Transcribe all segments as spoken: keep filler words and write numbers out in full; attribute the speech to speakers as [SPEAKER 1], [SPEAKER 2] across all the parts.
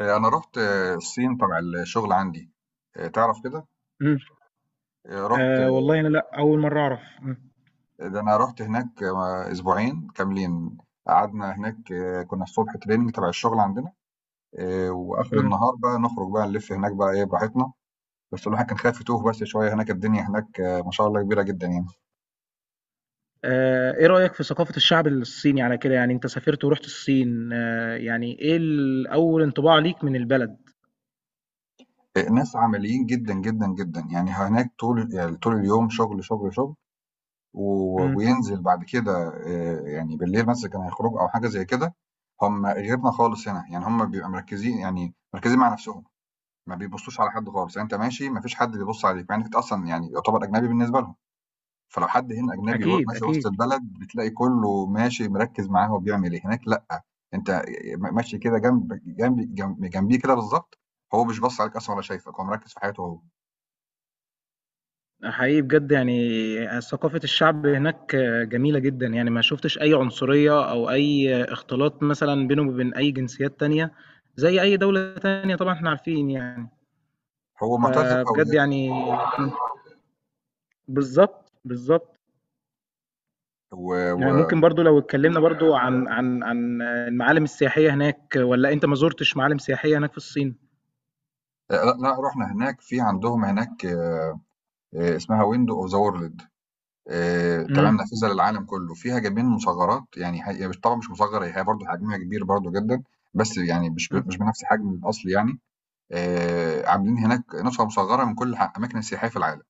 [SPEAKER 1] آه، انا رحت آه، الصين تبع الشغل عندي. آه، تعرف كده.
[SPEAKER 2] امم.
[SPEAKER 1] آه، رحت.
[SPEAKER 2] آه والله انا لا، اول مره اعرف امم
[SPEAKER 1] آه، ده انا رحت هناك آه، اسبوعين كاملين. قعدنا هناك آه، كنا الصبح تريننج تبع الشغل عندنا. آه، واخر
[SPEAKER 2] امم.
[SPEAKER 1] النهار بقى نخرج بقى نلف هناك بقى ايه براحتنا. بس الواحد كان خايف يتوه بس شويه هناك. الدنيا هناك آه، ما شاء الله كبيره جدا يعني.
[SPEAKER 2] آه ايه رايك في ثقافه الشعب الصيني على كده؟ يعني انت سافرت ورحت الصين، آه يعني ايه ال- اول انطباع ليك من البلد؟
[SPEAKER 1] آه، ناس عمليين جدا جدا جدا يعني. هناك طول يعني طول اليوم شغل شغل شغل. و
[SPEAKER 2] امم.
[SPEAKER 1] وينزل بعد كده آآ يعني بالليل مثلًا كانوا هيخرجوا أو حاجة زي كده، هم غيرنا خالص هنا، يعني هم بيبقوا مركّزين يعني مركّزين مع نَفْسهم، ما بيبصّوش على حد خالص، يعني أنت ماشي ما فيش حد بيبُص عليك، مع إنّك أنت أصلًا يعني يُعتبر أجنبي بالنسبة لهم، فلو حد هنا أجنبي و
[SPEAKER 2] اكيد،
[SPEAKER 1] ماشي وسط
[SPEAKER 2] اكيد.
[SPEAKER 1] البلد بتلاقي كُلّه ماشي مركّز معاه هو بيعمل إيه، هناك لأ، أنت آآ م ماشي كده جنب جنب جنب جنبيه كده بالضبط، هو مش باص عليك أصلًا ولا شايفك، هو مركّز في حياته هو،
[SPEAKER 2] حقيقي بجد، يعني ثقافه الشعب هناك آه، جميله جدا، يعني ما شفتش اي عنصريه او اي اختلاط مثلا بينه وبين اي جنسيات تانية، زي اي دوله تانية، طبعا احنا عارفين يعني.
[SPEAKER 1] هو مُعتز
[SPEAKER 2] فبجد
[SPEAKER 1] بهويته.
[SPEAKER 2] يعني. بالظبط، بالظبط.
[SPEAKER 1] و
[SPEAKER 2] يعني
[SPEAKER 1] و
[SPEAKER 2] ممكن برضو لو اتكلمنا برضو عن عن عن المعالم السياحية هناك، ولا انت ما زرتش معالم سياحية هناك في الصين؟
[SPEAKER 1] آه، لأ، لأ رُحنا هناك في عندهم هناك آه، اسمها ويندو اوف ذا وورلد. تمام،
[SPEAKER 2] امم.
[SPEAKER 1] نافذه للعالم كله فيها جايبين مصغرات يعني هي هي مش طبعا مش مصغره، هي برضه حجمها كبير برضه جدا. بس يعني مش
[SPEAKER 2] أمم.
[SPEAKER 1] ب- مش بنفس حجم الاصل يعني. آه، عاملين هناك نسخه مصغره من كل ح- اماكن السياحيه في العالم.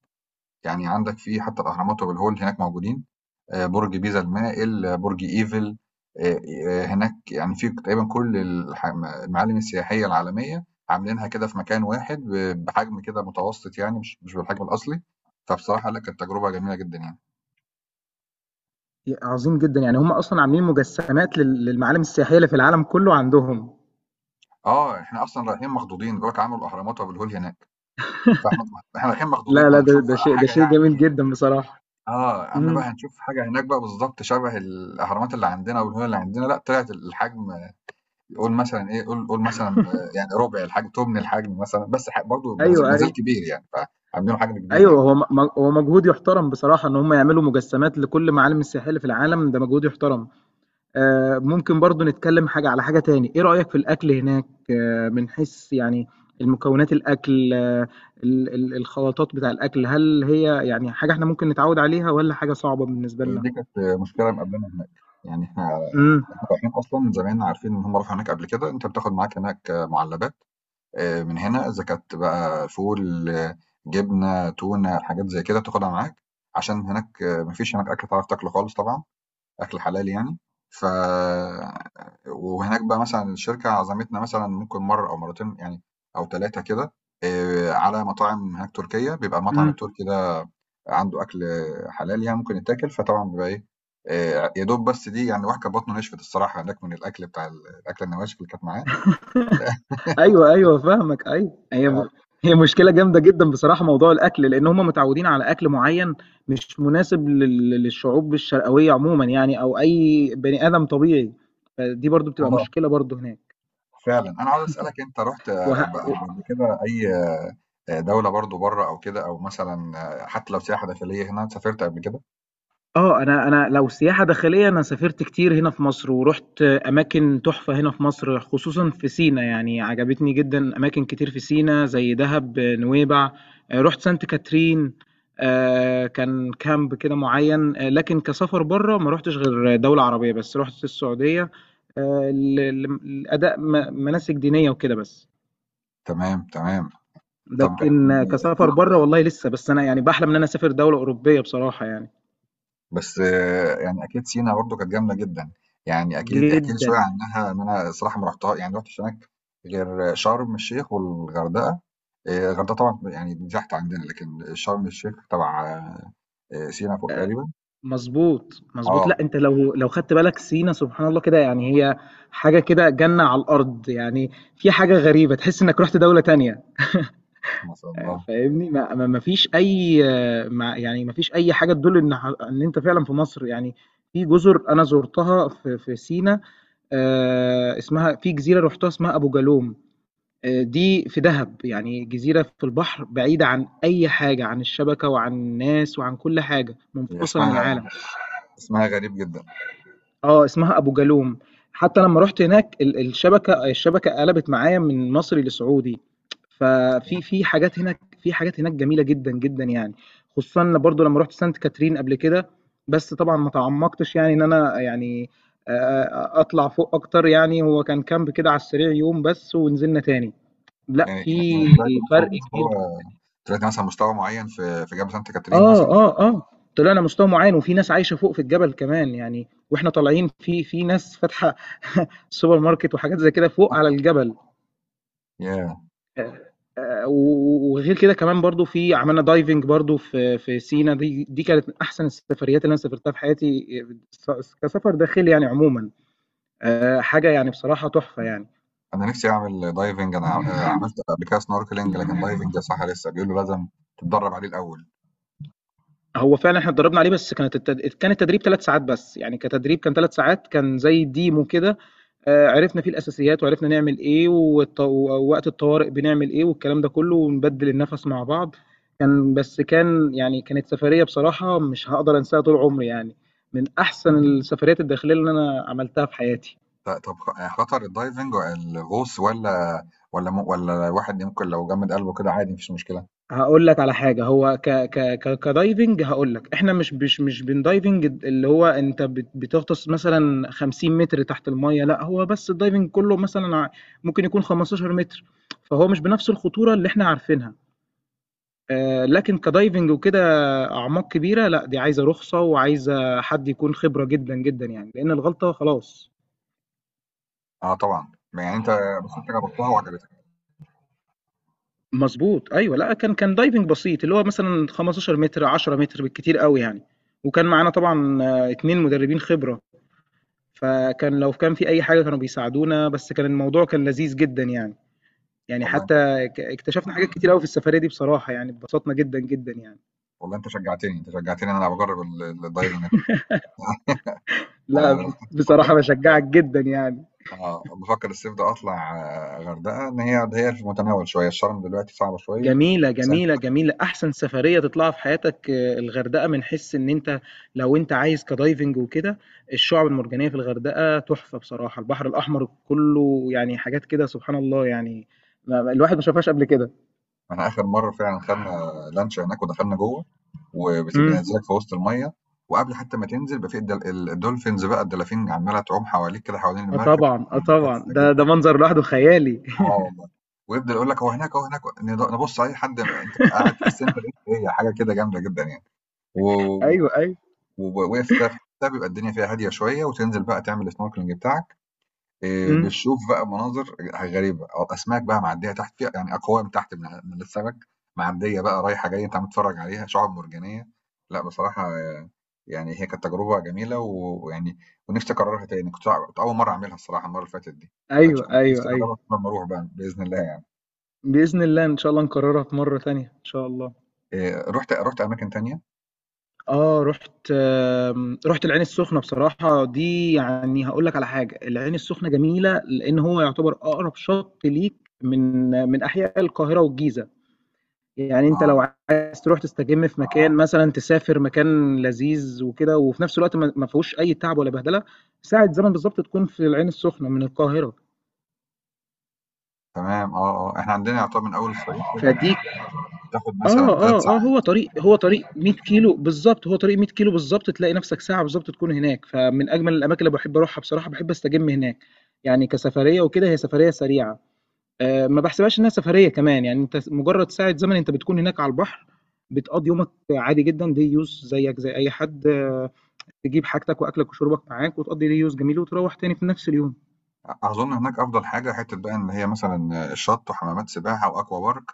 [SPEAKER 1] يعني عندك في حتى الاهرامات وابو الهول هناك موجودين، آآ برج بيزا المائل، آه، برج إيفل، آآ آآ هناك يعني في تقريبًا كل الح المعالم السياحية العالمية عاملينها كده في مكان واحد ب بحجم كده متوسط يعني مش مش بالحجم الأصلي، فبصراحة لأ كانت تجربة جميلة جدًا يعني.
[SPEAKER 2] عظيم جدا، يعني هم اصلا عاملين مجسمات لل- للمعالم السياحية اللي في العالم كله عندهم.
[SPEAKER 1] آه، إحنا أصلًا رايحين مخضوضين، بيقول لك عملوا الأهرامات وأبو الهول هناك، فإحنا إحنا رايحين مخضوضين
[SPEAKER 2] لا، لا،
[SPEAKER 1] إحنا
[SPEAKER 2] ده
[SPEAKER 1] هنشوف
[SPEAKER 2] ده
[SPEAKER 1] بقى
[SPEAKER 2] شيء، ده
[SPEAKER 1] حاجة
[SPEAKER 2] شيء
[SPEAKER 1] يعني.
[SPEAKER 2] جميل جدا بصراحة.
[SPEAKER 1] آه، قالنا بقى
[SPEAKER 2] امم.
[SPEAKER 1] هنشوف حاجة هناك بقى بالضبط شبه الأهرامات اللي عندنا وأبو الهول اللي عندنا، لأ طلعت الحجم، قول مثلا إيه، قول قول مثلًا آآ يعني ربع الحجم، تُمن الحجم مثلًا، بس ح برضه بنز
[SPEAKER 2] ايوه،
[SPEAKER 1] ما زال
[SPEAKER 2] ايوه.
[SPEAKER 1] كبير يعني، فعاملينه حجم كبير
[SPEAKER 2] ايوه،
[SPEAKER 1] يعني.
[SPEAKER 2] هو م- هو مجهود يحترم بصراحة، ان هم يعملوا مجسمات لكل معالم السياحية اللي في العالم، ده مجهود يحترم. آه، ممكن برضو نتكلم حاجة على حاجة تاني، ايه رأيك في الأكل هناك؟ آه، من حيث يعني المكونات، الأكل، آه، ال- ال- الخلطات بتاع الأكل، هل هي يعني حاجة احنا ممكن نتعود عليها، ولا حاجة صعبة بالنسبة
[SPEAKER 1] هي
[SPEAKER 2] لنا؟
[SPEAKER 1] دي كانت آه، مشكلة مقابلانا هناك. يعني إحنا
[SPEAKER 2] امم.
[SPEAKER 1] إحنا رايحين أصلًا زمايلنا عارفين إن هم راحوا هناك قبل كده، أنت بتاخد معاك هناك آه، مُعلّبات آآ من هنا، إذا كانت بقى فول، آه، جبنة، تونة، حاجات زي كده بتاخدها معاك، عشان هناك ما فيش هناك أكل تعرف تاكله خالص طبعًا. أكل حلال يعني. ف وهناك بقى مثلًا الشركة عزمتنا مثلًا ممكن مرّة أو مرّتين يعني أو تلاتة كده آآ على مطاعم هناك تركية، بيبقى المطعم
[SPEAKER 2] امم.
[SPEAKER 1] التركي ده عنده أكل حلال يعني ممكن يتاكل، فطبعًا بيبقى إيه، آآ يا دوب بس دي يعني الواحد كانت بطنه نشفت الصراحة هناك من الأكل بتاع ال الأكلة النواشف اللي كانت معاه.
[SPEAKER 2] ايوه، ايوه، فاهمك، ايوه،
[SPEAKER 1] آه،
[SPEAKER 2] هي هي مشكلة جامدة جدا بصراحة موضوع الأكل، لأن هم متعودين على أكل معين، مش مناسب لل- للشعوب الشرقوية عموما، يعني أو أي بني آدم طبيعي. فدي برضو بتبقى
[SPEAKER 1] آه
[SPEAKER 2] مشكلة برضو هناك.
[SPEAKER 1] فعلًا. أنا عاوز أسألك، أنت رُحت
[SPEAKER 2] وه...
[SPEAKER 1] قب قبل قبل كده أي آه، دولة برضه برّه أو كده أو مثلًا آه، حتى لو سياحة داخلية هنا، سافرت قبل كده؟
[SPEAKER 2] آه، أنا أنا لو سياحة داخلية، أنا سافرت كتير هنا في مصر، ورُحت أماكن تحفة هنا في مصر، خصوصًا في سينا، يعني عجبتني جدًا أماكن كتير في سينا زي دهب، نويبع، آآ رُحت سانت كاترين، آآ كان كامب كده معيّن، آه، لكن كسفر برّه ما رُحتش غير دولة عربية بس، رُحت السعودية، آآ ل لم لأداء م مناسك دينية وكده بس.
[SPEAKER 1] تمام، تمام. طب احكِ
[SPEAKER 2] لكن آه،
[SPEAKER 1] لي احكِ
[SPEAKER 2] كسفر
[SPEAKER 1] لي
[SPEAKER 2] برّه
[SPEAKER 1] بقى،
[SPEAKER 2] والله لسه، بس أنا يعني باحلم إن أنا أسافر دولة أوروبية بصراحة يعني،
[SPEAKER 1] بس آه، يعني أكيد سينا برضه كانت جامدة جدًا، يعني أكيد احكِ لي شوية
[SPEAKER 2] جدًا.
[SPEAKER 1] عنها إن أنا الصراحة ما رُحتها يعني ما رُحتش هناك غير شرم الشيخ والغردقة، آآ الغردقة طبعًا يعني دي تحت عندنا، لكن شرم الشيخ تبع آآ سينا فوق تقريبًا،
[SPEAKER 2] مضبوط، مضبوط. لأ،
[SPEAKER 1] آه،
[SPEAKER 2] أنت لو لو خدت بالك سينا، سبحان الله كده، يعني هي حاجة كده جنة على الأرض، يعني في حاجة غريبة تحس إنك رُحت دولة تانية.
[SPEAKER 1] ما شاء
[SPEAKER 2] آآ،
[SPEAKER 1] الله.
[SPEAKER 2] فاهمني؟ ما ما ما فيش أي، آه، ما يعني ما فيش أي حاجة تدل إن ح إن أنت فعلًا في مصر، يعني في جزر أنا زُرتها في في سينا، آآ، اسمها، في جزيرة رُحتها اسمها أبو جالوم، آآ، دي في دهب، يعني جزيرة في البحر بعيدة عن أي حاجة، عن الشبكة وعن الناس وعن كل حاجة،
[SPEAKER 1] هي
[SPEAKER 2] منفصلة عن
[SPEAKER 1] اسمها
[SPEAKER 2] العالم.
[SPEAKER 1] اسمها غريب جدًا،
[SPEAKER 2] آه، اسمها أبو جالوم. حتى لمّا رُحت هناك ال الشبكة الشبكة قلبت معايا من مصري لسعودي، ففي في حاجات هناك، في حاجات هناك جميلة جدًا، جدًا يعني، خصوصًا برضه لمّا رُحت سانت كاترين قبل كده، بس طبعًا ما تعمقتش يعني إن أنا يعني آآ، أطلع فوق أكتر، يعني هو كان كامب كده على السريع يوم بس ونزلنا تاني، لأ
[SPEAKER 1] يعني يعني
[SPEAKER 2] في إمم.
[SPEAKER 1] طلعتِ مثلًا
[SPEAKER 2] فرق
[SPEAKER 1] مستوى،
[SPEAKER 2] كبير.
[SPEAKER 1] طلعتِ مثلًا مستوى معين في في جبل سانت كاترين
[SPEAKER 2] آه،
[SPEAKER 1] مثلًا؟
[SPEAKER 2] آه، آه، طلعنا مستوى معيّن، وفي ناس عايشة فوق في الجبل كمان يعني، وإحنا طالعين في في ناس فاتحة سوبر ماركت وحاجات زي كده فوق على الجبل.
[SPEAKER 1] ياه!
[SPEAKER 2] آه، و- وغير كده كمان برضو، في عملنا دايفنج برضو في في سينا، دي دي كانت من احسن السفريات اللي انا سافرتها في حياتي، آه، كسفر داخلي يعني عموما، آه، حاجه يعني بصراحه تحفه يعني.
[SPEAKER 1] انا نفسي اعمل دايفنج. انا آه، عملت قبل كده سنوركلينج لكن دايفنج يا صح لسه بيقولوا لازم تتدرب عليه الاول.
[SPEAKER 2] هو فعلًا إحنا اتدرّبنا عليه، بس كانت التد كان التدريب 3 ساعات بس، يعني كتدريب كان 3 ساعات، كان زي demo كده، آآ عرفنا فيه الأساسيات وعرفنا نعمل إيه، والط ووقت الطوارئ بنعمل إيه، والكلام ده كُلّه، ونبدِّل النَفَس مع بعض، كان بس كان يعني كانت سفرية بصراحة مش هاقدر أنساها طول عمري يعني، من أحسن السفريات الداخلية اللي أنا عملتها في حياتي.
[SPEAKER 1] ط- طب خ- آه، خطر الدايفنج الغوص ولا ولا م- ولا الواحد ممكن لو جمد قلبه كده عادي مفيش مشكله؟
[SPEAKER 2] هاقول لك على حاجة، هو ك ك ك كدايفنج، هاقول لك احنا مش مش مش بندايفنج اللي هو انت بت- بتغطس مثلا 50 متر تحت المية، لا هو بس الدايفنج كله مثلا ع- ممكن يكون 15 متر، فهو مش بنفس الخطورة اللي احنا عارفينها. آه، لكن كدايفنج وكده اعماق كبيرة، لا دي عايزة رخصة وعايزة حد يكون خبرة جدا جدا، يعني لان الغلطة خلاص.
[SPEAKER 1] اه طبعا. يعني انت، بس انت جربتها وعجبتك.
[SPEAKER 2] مظبوط، ايوه، لا كان كان دايفنج بسيط اللي هو مثلا 15 متر، 10 متر بالكتير قوي يعني، وكان معانا طبعا آه، اتنين مدربين خبرة، فكان لو كان في أي حاجة كانوا بيساعدونا، بس كان الموضوع كان لذيذ جدًا يعني، يعني
[SPEAKER 1] والله انت
[SPEAKER 2] حتى ك اكتشفنا حاجات كتير أوي في السفرية دي بصراحة يعني، اتبسطنا جدًا، جدًا يعني.
[SPEAKER 1] والله انت شجعتني انت شجعتني ان انا بجرب ال- ال- الدايفنج.
[SPEAKER 2] لأ،
[SPEAKER 1] آه،
[SPEAKER 2] ب
[SPEAKER 1] لو كنت بفكر،
[SPEAKER 2] بصراحة باشجعك جدًا يعني.
[SPEAKER 1] اه بفكر الصيف ده اطلع آه، غردقه ان هي هي في المتناول شويه الشرم دلوقتي صعبه شويه.
[SPEAKER 2] جميلة، جميلة، جميلة، أحسن سفرية تطلعها في حياتك آه، الغردقة، من حيث إن أنت لو أنت عايز كدايفنج وكده، الشعب المرجانية في الغردقة تحفة بصراحة، البحر الأحمر كله يعني حاجات كده سبحان الله يعني ما ما الواحد ما شافهاش قبل كده.
[SPEAKER 1] احنا اخر مره فعلا خدنا لانش هناك ودخلنا جوه
[SPEAKER 2] إمم.
[SPEAKER 1] وبينزلك في وسط الميه، وقبل حتى ما تنزل بقى في الدل- ال- الدولفينز بقى الدلافين عماله تعوم حواليك كده حوالين
[SPEAKER 2] آه
[SPEAKER 1] المركب
[SPEAKER 2] طبعًا، آه
[SPEAKER 1] آه،
[SPEAKER 2] طبعًا،
[SPEAKER 1] تحفه
[SPEAKER 2] ده ده
[SPEAKER 1] جدا.
[SPEAKER 2] منظر لوحده خيالي.
[SPEAKER 1] اه والله. ويفضل يقول لك هو هناك هو هناك نض- نبص على اي حد انت بقى قاعد تحس انت ايه، هي حاجه كده جامده جدا يعني. و-
[SPEAKER 2] أيوه، أيوه،
[SPEAKER 1] وواقف كده في حته بيبقى الدنيا فيها هاديه شويه وتنزل بقى تعمل السنوركلينج بتاعك. آآ
[SPEAKER 2] إمم،
[SPEAKER 1] بنشوف بقى مناظر غريبة، أ أسماك بقى معدية تحت فيها يعني أقوام تحت من من السمك، معدية بقى رايحة جاية أنت عم تتفرّج عليها، شعاب مرجانية، لأ بصراحة يعني هي كانت تجربة جميلة و ويعني ونفسي أكررها تاني، كنت كنت أول مرّة أعملها الصراحة المرّة اللي فاتت دي، فإن شاء
[SPEAKER 2] أيوه،
[SPEAKER 1] الله نفسي
[SPEAKER 2] أيوه، أيوه،
[SPEAKER 1] أجربها لمّا أروح بقى بإذن الله يعني.
[SPEAKER 2] بإذن الله، إن شاء الله نكررها في مرة تانية، إن شاء الله.
[SPEAKER 1] آآ رُحت رُحت أماكن تانية؟
[SPEAKER 2] آه، رُحت آمم، رُحت العين السخنة، بصراحة دي يعني هاقول لك على حاجة، العين السخنة جميلة لإن هو يعتبر أقرب شط ليك من من أحياء القاهرة والجيزة، يعني أنت لو
[SPEAKER 1] آه،
[SPEAKER 2] عايز تروح تستجم في مكان مثلًا، تسافر مكان لذيذ وكده، وفي نفس الوقت ما ما فيهوش أي تعب ولا بهدلة، ساعة زمن بالضبط تكون في العين السخنة من القاهرة،
[SPEAKER 1] تمام، آه، آه، إحنا عندنا يعتبر من أول الصعيد كده،
[SPEAKER 2] فدي
[SPEAKER 1] بتاخد
[SPEAKER 2] آه،
[SPEAKER 1] مثلًا 3
[SPEAKER 2] آه، آه،
[SPEAKER 1] ساعات.
[SPEAKER 2] هو طريق هو طريق 100 كيلو بالضبط، هو طريق 100 كيلو بالضبط، تلاقي نفْسك ساعة بالضبط تكون هناك، فمن أجمل الأماكن اللي باحب أروحها بصراحة، باحب أستجم هناك، يعني كسفرية وكده هي سفرية سريعة، آآ، ما باحسبهاش إنها سفرية كمان، يعني أنت س مجرد ساعة زمن أنت بتكون هناك على البحر، بتقضّي يومك عادي جدًا day use زيك زي أي حد، آه تجيب حاجتك وأكلك وشربك معاك، وتقضّي day use جميل وتروّح تاني في نفْس اليوم.
[SPEAKER 1] أظن هناك أفضل حاجة حتّة بقى إن هي مثلًا الشط وحمامات سباحة وأكوا بارك،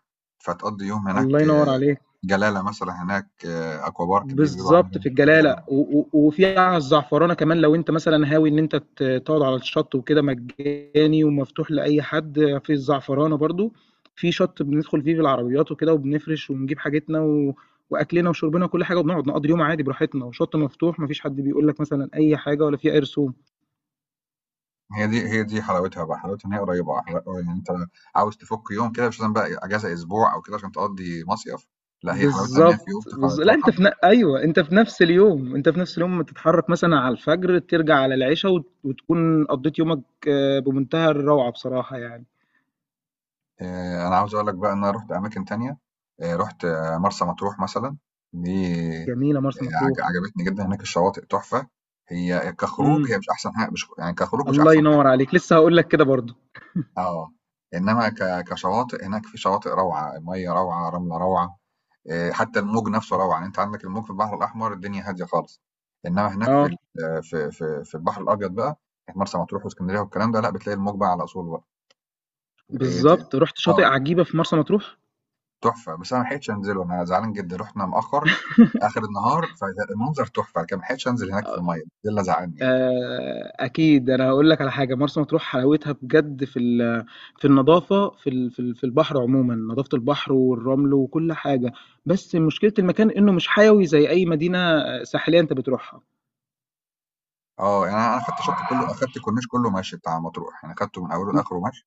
[SPEAKER 1] فتقضّي يوم
[SPEAKER 2] الله
[SPEAKER 1] هناك،
[SPEAKER 2] ينوّر عليك.
[SPEAKER 1] جلالة مثلًا هناك أكوا بارك دي بيقولوا عليها
[SPEAKER 2] بالضبط، في
[SPEAKER 1] جم جميلة
[SPEAKER 2] الجلالة
[SPEAKER 1] جدًا.
[SPEAKER 2] و و وفي على الزعفرانة كمان، لو أنت مثلًا هاوي إن أنت ت تقعد على الشط وكده مجاني ومفتوح لأي حد، في الزعفرانة برضه، في شط بندخل فيه بالعربيات وكده، وبنفرش ونجيب حاجتنا و وأكلنا وشربنا وكل حاجة، وبنقعد نقضي اليوم عادي براحتنا، وشط مفتوح ما فيش حد بيقول لك مثلًا أي حاجة ولا في أي رسوم.
[SPEAKER 1] هي دي هي دي حلاوتها بقى، حلاوتها إن هي قريّبة، حلا يعني أنت عاوز تفُك يوم كده مش لازم بقى إجازة أسبوع أو كده عشان تقضّي مصيف، لأ هي حلاوتها إن هي في يوم
[SPEAKER 2] بالضبط،
[SPEAKER 1] تخ
[SPEAKER 2] بالض لأ
[SPEAKER 1] تروح.
[SPEAKER 2] أنت في ن أيوه، أنت في نفس اليوم، أنت في نفس اليوم تتحرك مثلًا على الفجر، ترجع على العشا وت وتكون قضيت يومك آه، بمنتهى الروعة بصراحة يعني.
[SPEAKER 1] آآ أنا عاوز أقول لك بقى إن أنا رُحت أماكن تانية، آآ رُحت آه، مرسى مطروح مثلًا، دي
[SPEAKER 2] جميلة
[SPEAKER 1] آآ
[SPEAKER 2] مرسى
[SPEAKER 1] عج
[SPEAKER 2] مطروح.
[SPEAKER 1] عجبتني جدًا، هناك الشواطئ تحفة، هي
[SPEAKER 2] إمم.
[SPEAKER 1] كخروج هي مش أحسن حاجة، مش يعني كخروج مش
[SPEAKER 2] الله
[SPEAKER 1] أحسن حاجة،
[SPEAKER 2] ينوّر عليك، لسه هاقول لك كده برضه.
[SPEAKER 1] آه، إنما ك كشواطئ هناك في شواطئ روعة، المَيّة روعة، رملة روعة، آآ حتى الموج نفسه روعة، يعني أنت عندك الموج في البحر الأحمر الدنيا هادية خالص، إنما هناك في
[SPEAKER 2] آه،
[SPEAKER 1] ال آه، في في في البحر الأبيض بقى، مرسى مطروح وإسكندرية والكلام ده لأ، بتلاقي الموج بقى على أصوله بقى، آآ ت
[SPEAKER 2] بالضبط. رُحت شاطئ
[SPEAKER 1] آه.
[SPEAKER 2] عجيبة في مرسى مطروح؟
[SPEAKER 1] تحفة، بس أنا ما لحقتش أنزله، أنا زعلان جدًا، رُحنا متأخّر آخر النهار، فالمنظر تحفة، لكن ما لحقتش أنزل هناك في
[SPEAKER 2] آه،
[SPEAKER 1] المَيّة، ده اللي زعّلني يعني.
[SPEAKER 2] آآ أكيد. أنا هاقول لك على حاجة، مرسى مطروح حلاوتها بجد في ال في النضافة، في ال في ال في البحر عمومًا، نضافة البحر والرمل وكل حاجة، بس مشكلة المكان إنه مش حيوي زي أي مدينة ساحلية أنت بتروحها.
[SPEAKER 1] آه، يعني أنا أنا أخدت الشط كلّه أخدت الكورنيش كلّه مَشي بتاع مطروح، يعني أخدته من أوله
[SPEAKER 2] إمم،
[SPEAKER 1] لآخره مَشي،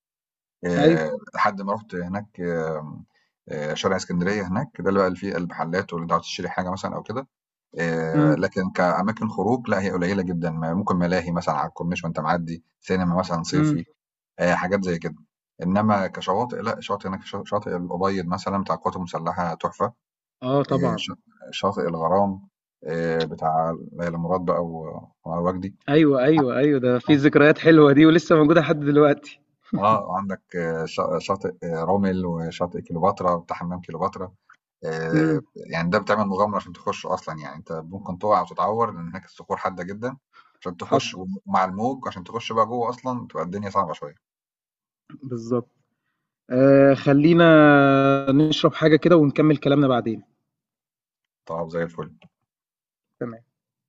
[SPEAKER 1] آآ
[SPEAKER 2] أيوه.
[SPEAKER 1] لحد ما رُحت هناك آمم، آآ شارع إسكندرية هناك، ده اللي بقى اللي فيه المحلات واللي أنت عاوز تشتري حاجة مثلًا أو كده، آآ
[SPEAKER 2] إمم،
[SPEAKER 1] لكن كأماكن خروج لأ، هي قليّلة جدًا، م ممكن ملاهي مثلًا على الكورنيش وأنت معدّي، سينما مثلًا
[SPEAKER 2] إمم.
[SPEAKER 1] صيفي. آآ حاجات زي كده. إنما كشواطئ لأ، شاطئ هناك شا شاطئ الأبيض مثلًا بتاع القوات المسلحة تحفة،
[SPEAKER 2] آه
[SPEAKER 1] آآ
[SPEAKER 2] طبعًا.
[SPEAKER 1] ش شاطئ الغرام آآ بتاع ليلى مراد بقى و وعلي وجدي.
[SPEAKER 2] أيوه، أيوه، أيوه، ده في ذكريات حلوة دي، ولسه موجودة لحد دلوقتي.
[SPEAKER 1] آه، وعندك شا شاطئ رُمل وشاطئ كليوباترا بتاع حمام كليوباترا، آآ
[SPEAKER 2] إمم،
[SPEAKER 1] يعني ده بتعمل مغامرة عشان تخشه أصلًا، يعني أنت ممكن تُقع وتتعور لأن هناك الصخور حادة جدًا عشان تخش
[SPEAKER 2] حصل،
[SPEAKER 1] ومع الموج عشان تخش بقى جوّه أصلًا تبقى الدنيا صعبة شوية.
[SPEAKER 2] بالضبط. آه خلينا نشرب حاجة كده ونكمل كلامنا بعدين.
[SPEAKER 1] طَب زي الفل.
[SPEAKER 2] تمام.